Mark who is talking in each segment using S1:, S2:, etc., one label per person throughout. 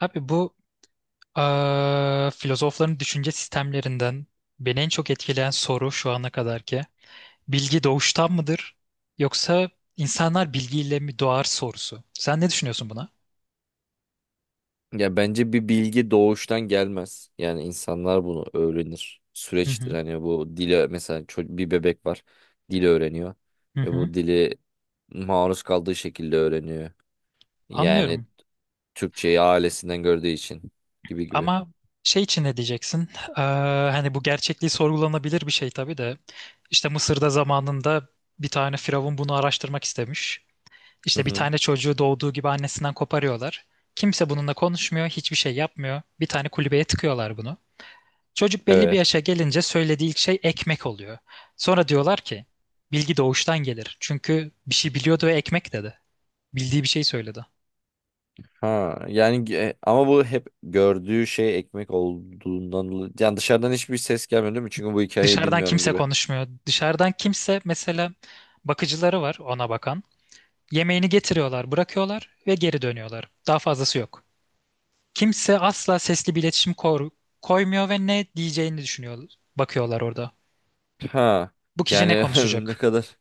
S1: Abi bu filozofların düşünce sistemlerinden beni en çok etkileyen soru şu ana kadar ki bilgi doğuştan mıdır yoksa insanlar bilgiyle mi doğar sorusu. Sen ne düşünüyorsun buna?
S2: Ya bence bir bilgi doğuştan gelmez. Yani insanlar bunu öğrenir.
S1: Hı
S2: Süreçtir.
S1: hı.
S2: Hani bu dili mesela bir bebek var. Dili öğreniyor.
S1: Hı
S2: Ve
S1: hı.
S2: bu dili maruz kaldığı şekilde öğreniyor. Yani
S1: Anlıyorum.
S2: Türkçeyi ailesinden gördüğü için gibi gibi.
S1: Ama şey için ne diyeceksin? Eee, hani bu gerçekliği sorgulanabilir bir şey tabii de. İşte Mısır'da zamanında bir tane firavun bunu araştırmak istemiş.
S2: Hı
S1: İşte bir
S2: hı.
S1: tane çocuğu doğduğu gibi annesinden koparıyorlar. Kimse bununla konuşmuyor, hiçbir şey yapmıyor. Bir tane kulübeye tıkıyorlar bunu. Çocuk belli bir
S2: Evet.
S1: yaşa gelince söylediği ilk şey ekmek oluyor. Sonra diyorlar ki bilgi doğuştan gelir. Çünkü bir şey biliyordu ve ekmek dedi. Bildiği bir şey söyledi.
S2: Ha yani ama bu hep gördüğü şey ekmek olduğundan dolayı, yani dışarıdan hiçbir ses gelmiyor değil mi? Çünkü bu hikayeyi
S1: Dışarıdan
S2: bilmiyorum
S1: kimse
S2: gibi.
S1: konuşmuyor. Dışarıdan kimse mesela bakıcıları var ona bakan. Yemeğini getiriyorlar, bırakıyorlar ve geri dönüyorlar. Daha fazlası yok. Kimse asla sesli bir iletişim koymuyor ve ne diyeceğini düşünüyor, bakıyorlar orada.
S2: Ha
S1: Bu kişi ne
S2: yani ne
S1: konuşacak?
S2: kadar.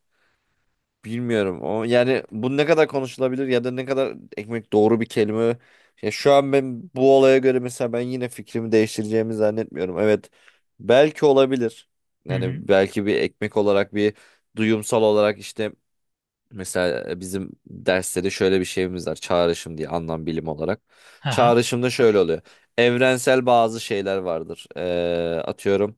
S2: Bilmiyorum. O yani bu ne kadar konuşulabilir ya da ne kadar ekmek doğru bir kelime. Ya şu an ben bu olaya göre mesela ben yine fikrimi değiştireceğimi zannetmiyorum. Evet. Belki olabilir.
S1: Hı hı.
S2: Yani belki bir ekmek olarak bir duyumsal olarak işte. Mesela bizim derste de şöyle bir şeyimiz var. Çağrışım diye anlam bilim olarak.
S1: Aha.
S2: Çağrışımda şöyle oluyor. Evrensel bazı şeyler vardır. Atıyorum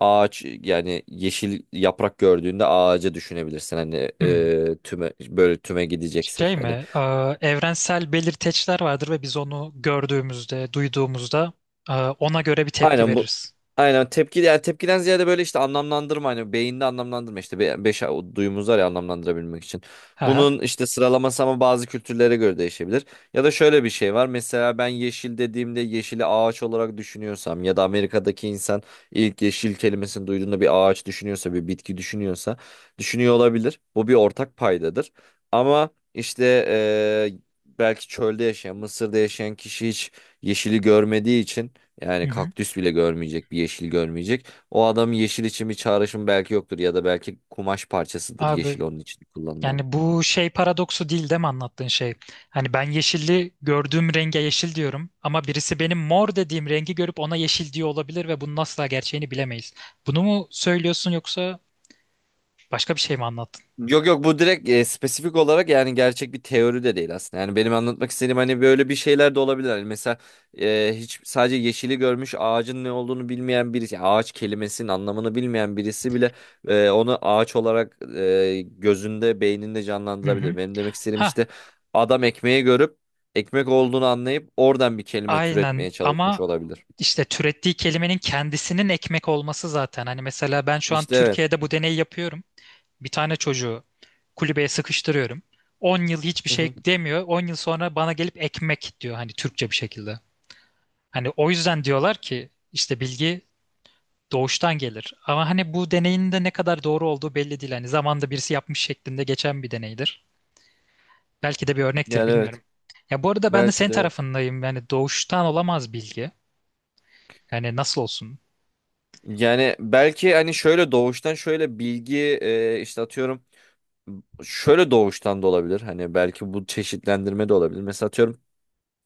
S2: ağaç yani yeşil yaprak gördüğünde ağaca düşünebilirsin. Hani
S1: Hmm.
S2: tüme böyle tüme
S1: Şey
S2: gideceksek hani.
S1: mi? Ee, evrensel belirteçler vardır ve biz onu gördüğümüzde, duyduğumuzda ona göre bir tepki
S2: Aynen bu.
S1: veririz.
S2: Aynen tepki yani tepkiden ziyade böyle işte anlamlandırma hani beyinde anlamlandırma işte beş o duyumuz var ya anlamlandırabilmek için.
S1: Aha.
S2: Bunun işte sıralaması ama bazı kültürlere göre değişebilir. Ya da şöyle bir şey var. Mesela ben yeşil dediğimde yeşili ağaç olarak düşünüyorsam ya da Amerika'daki insan ilk yeşil kelimesini duyduğunda bir ağaç düşünüyorsa bir bitki düşünüyorsa düşünüyor olabilir. Bu bir ortak paydadır. Ama işte eee, belki çölde yaşayan Mısır'da yaşayan kişi hiç yeşili görmediği için
S1: Hı
S2: yani
S1: hı.
S2: kaktüs bile görmeyecek, bir yeşil görmeyecek. O adamın yeşil için bir çağrışım belki yoktur ya da belki kumaş parçasıdır
S1: Abi
S2: yeşil onun için kullanılan.
S1: yani bu şey paradoksu değil mi anlattığın şey? Hani ben yeşilli gördüğüm renge yeşil diyorum ama birisi benim mor dediğim rengi görüp ona yeşil diyor olabilir ve bunun asla gerçeğini bilemeyiz. Bunu mu söylüyorsun yoksa başka bir şey mi anlattın?
S2: Yok yok, bu direkt spesifik olarak yani gerçek bir teori de değil aslında. Yani benim anlatmak istediğim hani böyle bir şeyler de olabilir. Hani mesela hiç sadece yeşili görmüş ağacın ne olduğunu bilmeyen birisi, yani ağaç kelimesinin anlamını bilmeyen birisi bile onu ağaç olarak gözünde, beyninde
S1: Hı hı.
S2: canlandırabilir. Benim demek istediğim işte
S1: Ha,
S2: adam ekmeği görüp ekmek olduğunu anlayıp oradan bir kelime
S1: aynen
S2: türetmeye çalışmış
S1: ama
S2: olabilir.
S1: işte türettiği kelimenin kendisinin ekmek olması zaten. Hani mesela ben şu an
S2: İşte evet.
S1: Türkiye'de bu deneyi yapıyorum. Bir tane çocuğu kulübeye sıkıştırıyorum. 10 yıl hiçbir
S2: Hı
S1: şey
S2: hı.
S1: demiyor. 10 yıl sonra bana gelip ekmek diyor hani Türkçe bir şekilde. Hani o yüzden diyorlar ki işte bilgi doğuştan gelir. Ama hani bu deneyin de ne kadar doğru olduğu belli değil. Hani zamanda birisi yapmış şeklinde geçen bir deneydir. Belki de bir örnektir
S2: Yani evet.
S1: bilmiyorum. Ya bu arada ben de
S2: Belki
S1: senin
S2: de evet.
S1: tarafındayım. Yani doğuştan olamaz bilgi. Yani nasıl olsun?
S2: Yani belki hani şöyle doğuştan şöyle bilgi işte atıyorum şöyle doğuştan da olabilir. Hani belki bu çeşitlendirme de olabilir. Mesela atıyorum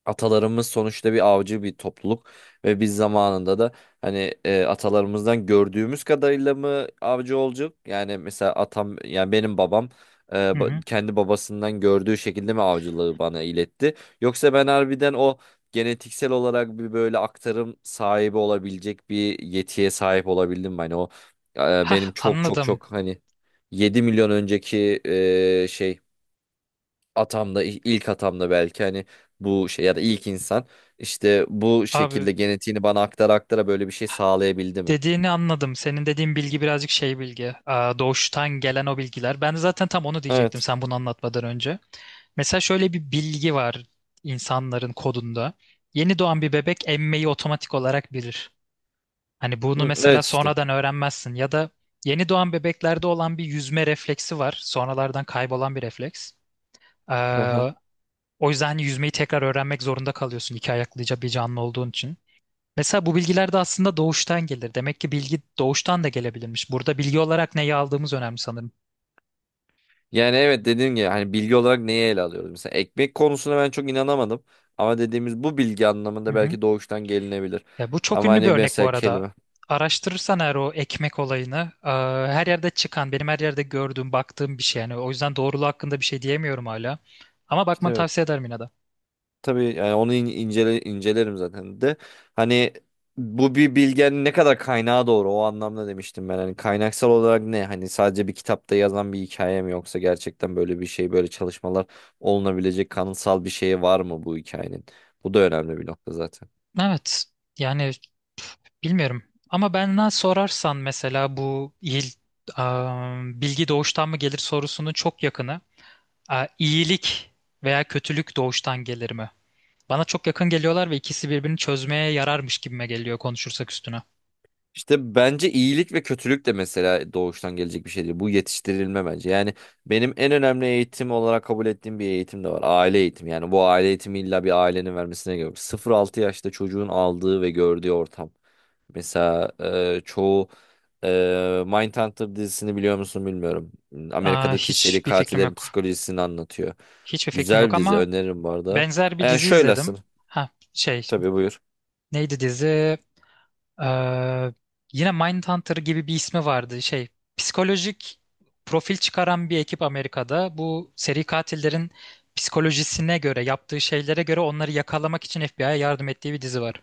S2: atalarımız sonuçta bir avcı bir topluluk ve biz zamanında da hani atalarımızdan gördüğümüz kadarıyla mı avcı olacak? Yani mesela atam yani benim babam
S1: Hı hı.
S2: kendi babasından gördüğü şekilde mi avcılığı bana iletti? Yoksa ben harbiden o genetiksel olarak bir böyle aktarım sahibi olabilecek bir yetiye sahip olabildim mi? Hani o
S1: Hah
S2: benim çok çok
S1: anladım.
S2: çok hani 7 milyon önceki şey atamda, ilk atamda belki hani bu şey ya da ilk insan işte bu
S1: Abi
S2: şekilde genetiğini bana aktara aktara böyle bir şey sağlayabildi mi?
S1: dediğini anladım. Senin dediğin bilgi birazcık şey bilgi. Aa, doğuştan gelen o bilgiler. Ben de zaten tam onu diyecektim
S2: Evet.
S1: sen bunu anlatmadan önce. Mesela şöyle bir bilgi var insanların kodunda. Yeni doğan bir bebek emmeyi otomatik olarak bilir. Hani bunu
S2: Hı,
S1: mesela
S2: evet işte.
S1: sonradan öğrenmezsin ya da yeni doğan bebeklerde olan bir yüzme refleksi var. Sonralardan kaybolan bir refleks.
S2: Aha.
S1: Ee, o yüzden hani yüzmeyi tekrar öğrenmek zorunda kalıyorsun iki ayaklıca bir canlı olduğun için. Mesela bu bilgiler de aslında doğuştan gelir. Demek ki bilgi doğuştan da gelebilirmiş. Burada bilgi olarak neyi aldığımız önemli sanırım.
S2: Yani evet, dediğim gibi hani bilgi olarak neye ele alıyoruz? Mesela ekmek konusuna ben çok inanamadım. Ama dediğimiz bu bilgi
S1: Hı
S2: anlamında
S1: hı.
S2: belki doğuştan gelinebilir.
S1: Ya bu çok
S2: Ama
S1: ünlü bir
S2: hani
S1: örnek bu
S2: mesela
S1: arada.
S2: kelime.
S1: Araştırırsan eğer o ekmek olayını, e, her yerde çıkan, benim her yerde gördüğüm, baktığım bir şey. Yani o yüzden doğruluğu hakkında bir şey diyemiyorum hala. Ama
S2: İşte
S1: bakmanı
S2: evet.
S1: tavsiye ederim yine de.
S2: Tabii yani onu incelerim zaten de. Hani bu bir bilgenin ne kadar kaynağı doğru, o anlamda demiştim ben. Hani kaynaksal olarak ne? Hani sadece bir kitapta yazan bir hikaye mi, yoksa gerçekten böyle bir şey, böyle çalışmalar olunabilecek kanıtsal bir şey var mı bu hikayenin? Bu da önemli bir nokta zaten.
S1: Evet. Yani bilmiyorum. Ama benden sorarsan mesela bu aa, bilgi doğuştan mı gelir sorusunun çok yakını. Aa, iyilik veya kötülük doğuştan gelir mi? Bana çok yakın geliyorlar ve ikisi birbirini çözmeye yararmış gibime geliyor konuşursak üstüne.
S2: İşte bence iyilik ve kötülük de mesela doğuştan gelecek bir şey değil. Bu yetiştirilme bence. Yani benim en önemli eğitim olarak kabul ettiğim bir eğitim de var. Aile eğitimi. Yani bu aile eğitimi illa bir ailenin vermesine gerek yok. 0-6 yaşta çocuğun aldığı ve gördüğü ortam. Mesela çoğu e, Mindhunter dizisini biliyor musun bilmiyorum.
S1: Aa,
S2: Amerika'daki seri
S1: hiçbir fikrim
S2: katillerin
S1: yok.
S2: psikolojisini anlatıyor.
S1: Hiçbir fikrim
S2: Güzel
S1: yok
S2: bir dizi,
S1: ama
S2: öneririm bu arada.
S1: benzer bir
S2: Yani
S1: dizi
S2: şöylesin.
S1: izledim. Ha şey
S2: Tabii, buyur.
S1: neydi dizi? Ee, yine Mindhunter gibi bir ismi vardı. Şey, psikolojik profil çıkaran bir ekip Amerika'da bu seri katillerin psikolojisine göre, yaptığı şeylere göre onları yakalamak için FBI'ye yardım ettiği bir dizi var.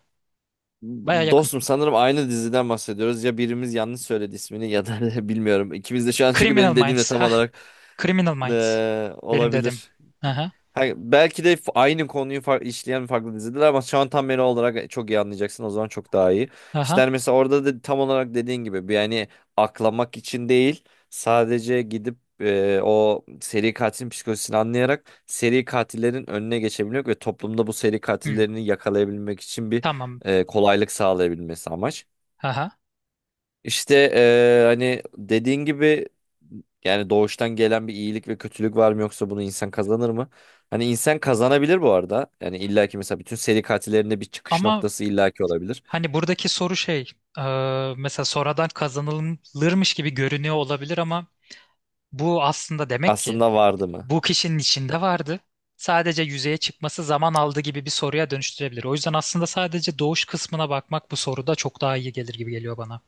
S1: Baya yakın.
S2: Dostum, sanırım aynı diziden bahsediyoruz. Ya birimiz yanlış söyledi ismini, ya da bilmiyorum. İkimiz de şu an çünkü
S1: Criminal
S2: benim dediğimle
S1: Minds.
S2: tam
S1: Ha,
S2: olarak
S1: Criminal Minds. Benim dedim.
S2: olabilir.
S1: Aha,
S2: Ha, belki de aynı konuyu işleyen farklı diziler, ama şu an tam beni olarak çok iyi anlayacaksın. O zaman çok daha iyi. İşte
S1: aha.
S2: hani mesela orada da tam olarak dediğin gibi bir yani aklamak için değil, sadece gidip o seri katilin psikolojisini anlayarak seri katillerin önüne geçebilmek ve toplumda bu seri
S1: Hmm,
S2: katillerini yakalayabilmek için bir
S1: tamam.
S2: kolaylık sağlayabilmesi amaç.
S1: Aha.
S2: İşte hani dediğin gibi, yani doğuştan gelen bir iyilik ve kötülük var mı, yoksa bunu insan kazanır mı? Hani insan kazanabilir bu arada. Yani illaki mesela bütün seri katillerinde bir çıkış
S1: Ama
S2: noktası illaki olabilir.
S1: hani buradaki soru şey, e, mesela sonradan kazanılırmış gibi görünüyor olabilir ama bu aslında demek ki
S2: Aslında vardı mı?
S1: bu kişinin içinde vardı. Sadece yüzeye çıkması zaman aldı gibi bir soruya dönüştürebilir. O yüzden aslında sadece doğuş kısmına bakmak bu soruda çok daha iyi gelir gibi geliyor bana.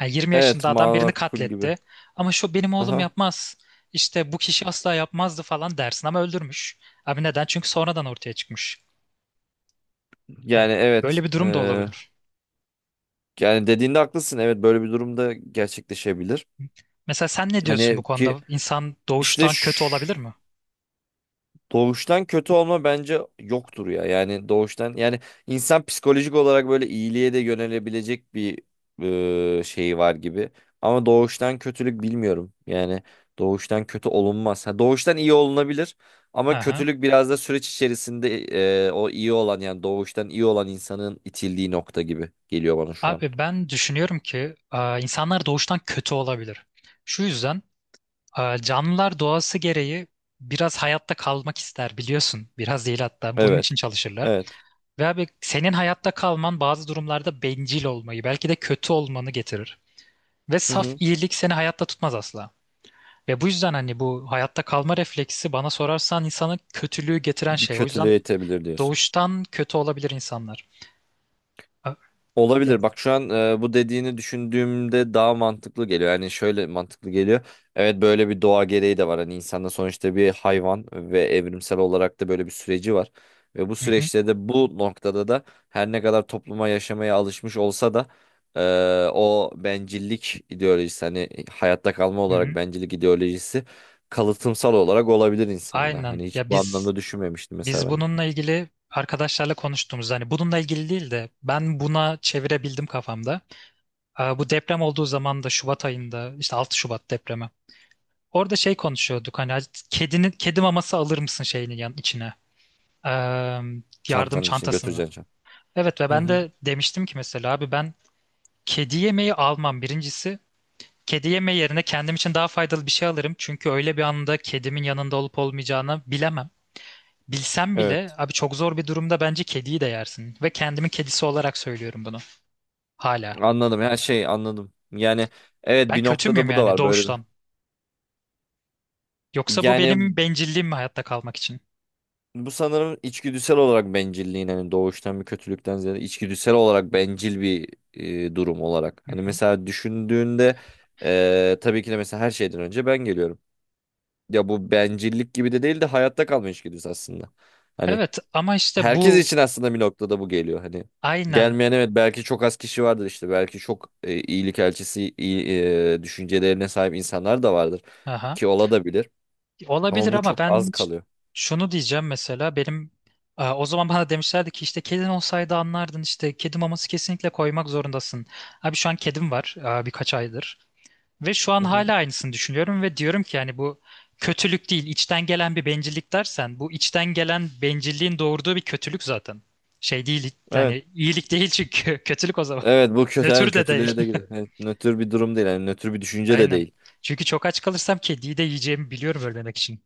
S1: Yani 20
S2: Evet,
S1: yaşında adam birini
S2: makul gibi.
S1: katletti ama şu benim oğlum
S2: Aha.
S1: yapmaz. İşte bu kişi asla yapmazdı falan dersin ama öldürmüş. Abi neden? Çünkü sonradan ortaya çıkmış. Yani
S2: Yani evet.
S1: böyle bir durum da
S2: eee,
S1: olabilir.
S2: yani dediğinde haklısın. Evet, böyle bir durumda gerçekleşebilir.
S1: Mesela sen ne diyorsun bu
S2: Hani
S1: konuda?
S2: ki
S1: İnsan
S2: işte
S1: doğuştan kötü
S2: şu.
S1: olabilir mi?
S2: Doğuştan kötü olma bence yoktur ya. Yani doğuştan, yani insan psikolojik olarak böyle iyiliğe de yönelebilecek bir şeyi var gibi. Ama doğuştan kötülük bilmiyorum. Yani doğuştan kötü olunmaz. Ha, doğuştan iyi olunabilir
S1: Hı
S2: ama
S1: hı.
S2: kötülük biraz da süreç içerisinde o iyi olan, yani doğuştan iyi olan insanın itildiği nokta gibi geliyor bana şu an.
S1: Abi ben düşünüyorum ki insanlar doğuştan kötü olabilir. Şu yüzden canlılar doğası gereği biraz hayatta kalmak ister biliyorsun. Biraz değil hatta bunun
S2: Evet.
S1: için çalışırlar.
S2: Evet.
S1: Ve abi senin hayatta kalman bazı durumlarda bencil olmayı belki de kötü olmanı getirir. Ve
S2: Hı
S1: saf
S2: hı.
S1: iyilik seni hayatta tutmaz asla. Ve bu yüzden hani bu hayatta kalma refleksi bana sorarsan insanı kötülüğü getiren
S2: Bir
S1: şey. O yüzden
S2: kötülüğe itebilir, diyorsun.
S1: doğuştan kötü olabilir insanlar. Ö- Yani,
S2: Olabilir. Bak şu an bu dediğini düşündüğümde daha mantıklı geliyor. Yani şöyle mantıklı geliyor. Evet, böyle bir doğa gereği de var. Hani insanda sonuçta bir hayvan ve evrimsel olarak da böyle bir süreci var. Ve bu
S1: hı hı,
S2: süreçte de, bu noktada da her ne kadar topluma yaşamaya alışmış olsa da e, o bencillik ideolojisi, hani hayatta kalma
S1: hı
S2: olarak
S1: hı.
S2: bencillik ideolojisi kalıtımsal olarak olabilir insanda.
S1: Aynen.
S2: Hani
S1: Ya
S2: hiç bu
S1: biz
S2: anlamda düşünmemiştim mesela
S1: Biz
S2: ben.
S1: bununla ilgili arkadaşlarla konuştuğumuz hani bununla ilgili değil de ben buna çevirebildim kafamda. Bu deprem olduğu zaman da Şubat ayında işte 6 Şubat depremi. Orada şey konuşuyorduk hani kedinin kedi maması alır mısın şeyinin yan içine Ee, yardım
S2: Çantanın içine
S1: çantasını.
S2: götüreceksin.
S1: Evet ve
S2: Hı
S1: ben
S2: hı.
S1: de demiştim ki mesela abi ben kedi yemeği almam birincisi. Kedi yemeği yerine kendim için daha faydalı bir şey alırım. Çünkü öyle bir anda kedimin yanında olup olmayacağını bilemem. Bilsem bile
S2: Evet.
S1: abi çok zor bir durumda bence kediyi de yersin. Ve kendimin kedisi olarak söylüyorum bunu. Hala.
S2: Anladım. Her şey anladım. Yani evet,
S1: Ben
S2: bir
S1: kötü
S2: noktada
S1: müyüm
S2: bu da
S1: yani
S2: var böyle bir.
S1: doğuştan? Yoksa bu
S2: Yani
S1: benim bencilliğim mi hayatta kalmak için?
S2: bu sanırım içgüdüsel olarak bencilliğin, hani doğuştan bir kötülükten ziyade içgüdüsel olarak bencil bir durum olarak.
S1: Hı
S2: Hani
S1: hı.
S2: mesela düşündüğünde tabii ki de mesela her şeyden önce ben geliyorum. Ya bu bencillik gibi de değil de hayatta kalma içgüdüsü aslında. Hani
S1: Evet ama işte
S2: herkes
S1: bu
S2: için aslında bir noktada bu geliyor hani.
S1: aynen
S2: Gelmeyen, evet, belki çok az kişi vardır, işte belki çok iyilik elçisi iyi, düşüncelerine sahip insanlar da vardır
S1: aha.
S2: ki ola da bilir, ama
S1: Olabilir
S2: bu
S1: ama
S2: çok
S1: ben
S2: az kalıyor.
S1: şunu diyeceğim mesela benim o zaman bana demişlerdi ki işte kedin olsaydı anlardın işte kedi maması kesinlikle koymak zorundasın. Abi şu an kedim var birkaç aydır. Ve şu
S2: Hı
S1: an
S2: hı.
S1: hala aynısını düşünüyorum ve diyorum ki yani bu kötülük değil, içten gelen bir bencillik dersen bu içten gelen bencilliğin doğurduğu bir kötülük zaten. Şey değil
S2: Evet.
S1: yani iyilik değil çünkü kötülük o zaman.
S2: Evet, bu kötü yani,
S1: Nötr de değil.
S2: kötülüğe de gidiyor. Evet, nötr bir durum değil, yani nötr bir düşünce de
S1: Aynen.
S2: değil.
S1: Çünkü çok aç kalırsam kediyi de yiyeceğimi biliyorum ölmemek için.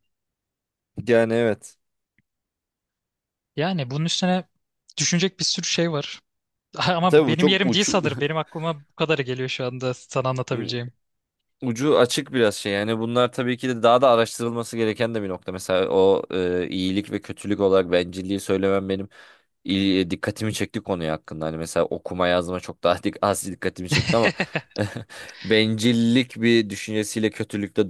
S2: Yani evet.
S1: Yani bunun üstüne düşünecek bir sürü şey var.
S2: E,
S1: Ama
S2: tabii bu
S1: benim
S2: çok
S1: yerim değil
S2: uç
S1: sanırım. Benim aklıma bu kadarı geliyor şu anda sana anlatabileceğim.
S2: ucu açık biraz şey. Yani bunlar tabii ki de daha da araştırılması gereken de bir nokta. Mesela o iyilik ve kötülük olarak bencilliği söylemem benim dikkatimi çekti konuya hakkında. Hani mesela okuma yazma çok daha az dikkatimi çekti ama bencillik bir düşüncesiyle kötülükte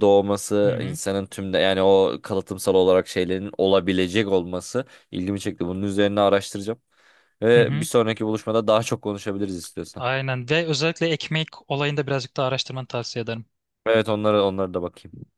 S1: Hı
S2: doğması,
S1: hı.
S2: insanın tümde yani o kalıtımsal olarak şeylerin olabilecek olması ilgimi çekti. Bunun üzerine araştıracağım.
S1: Hı
S2: Ve bir
S1: hı.
S2: sonraki buluşmada daha çok konuşabiliriz istiyorsan.
S1: Aynen ve özellikle ekmek olayında birazcık daha araştırmanı tavsiye ederim.
S2: Evet, onlara da bakayım.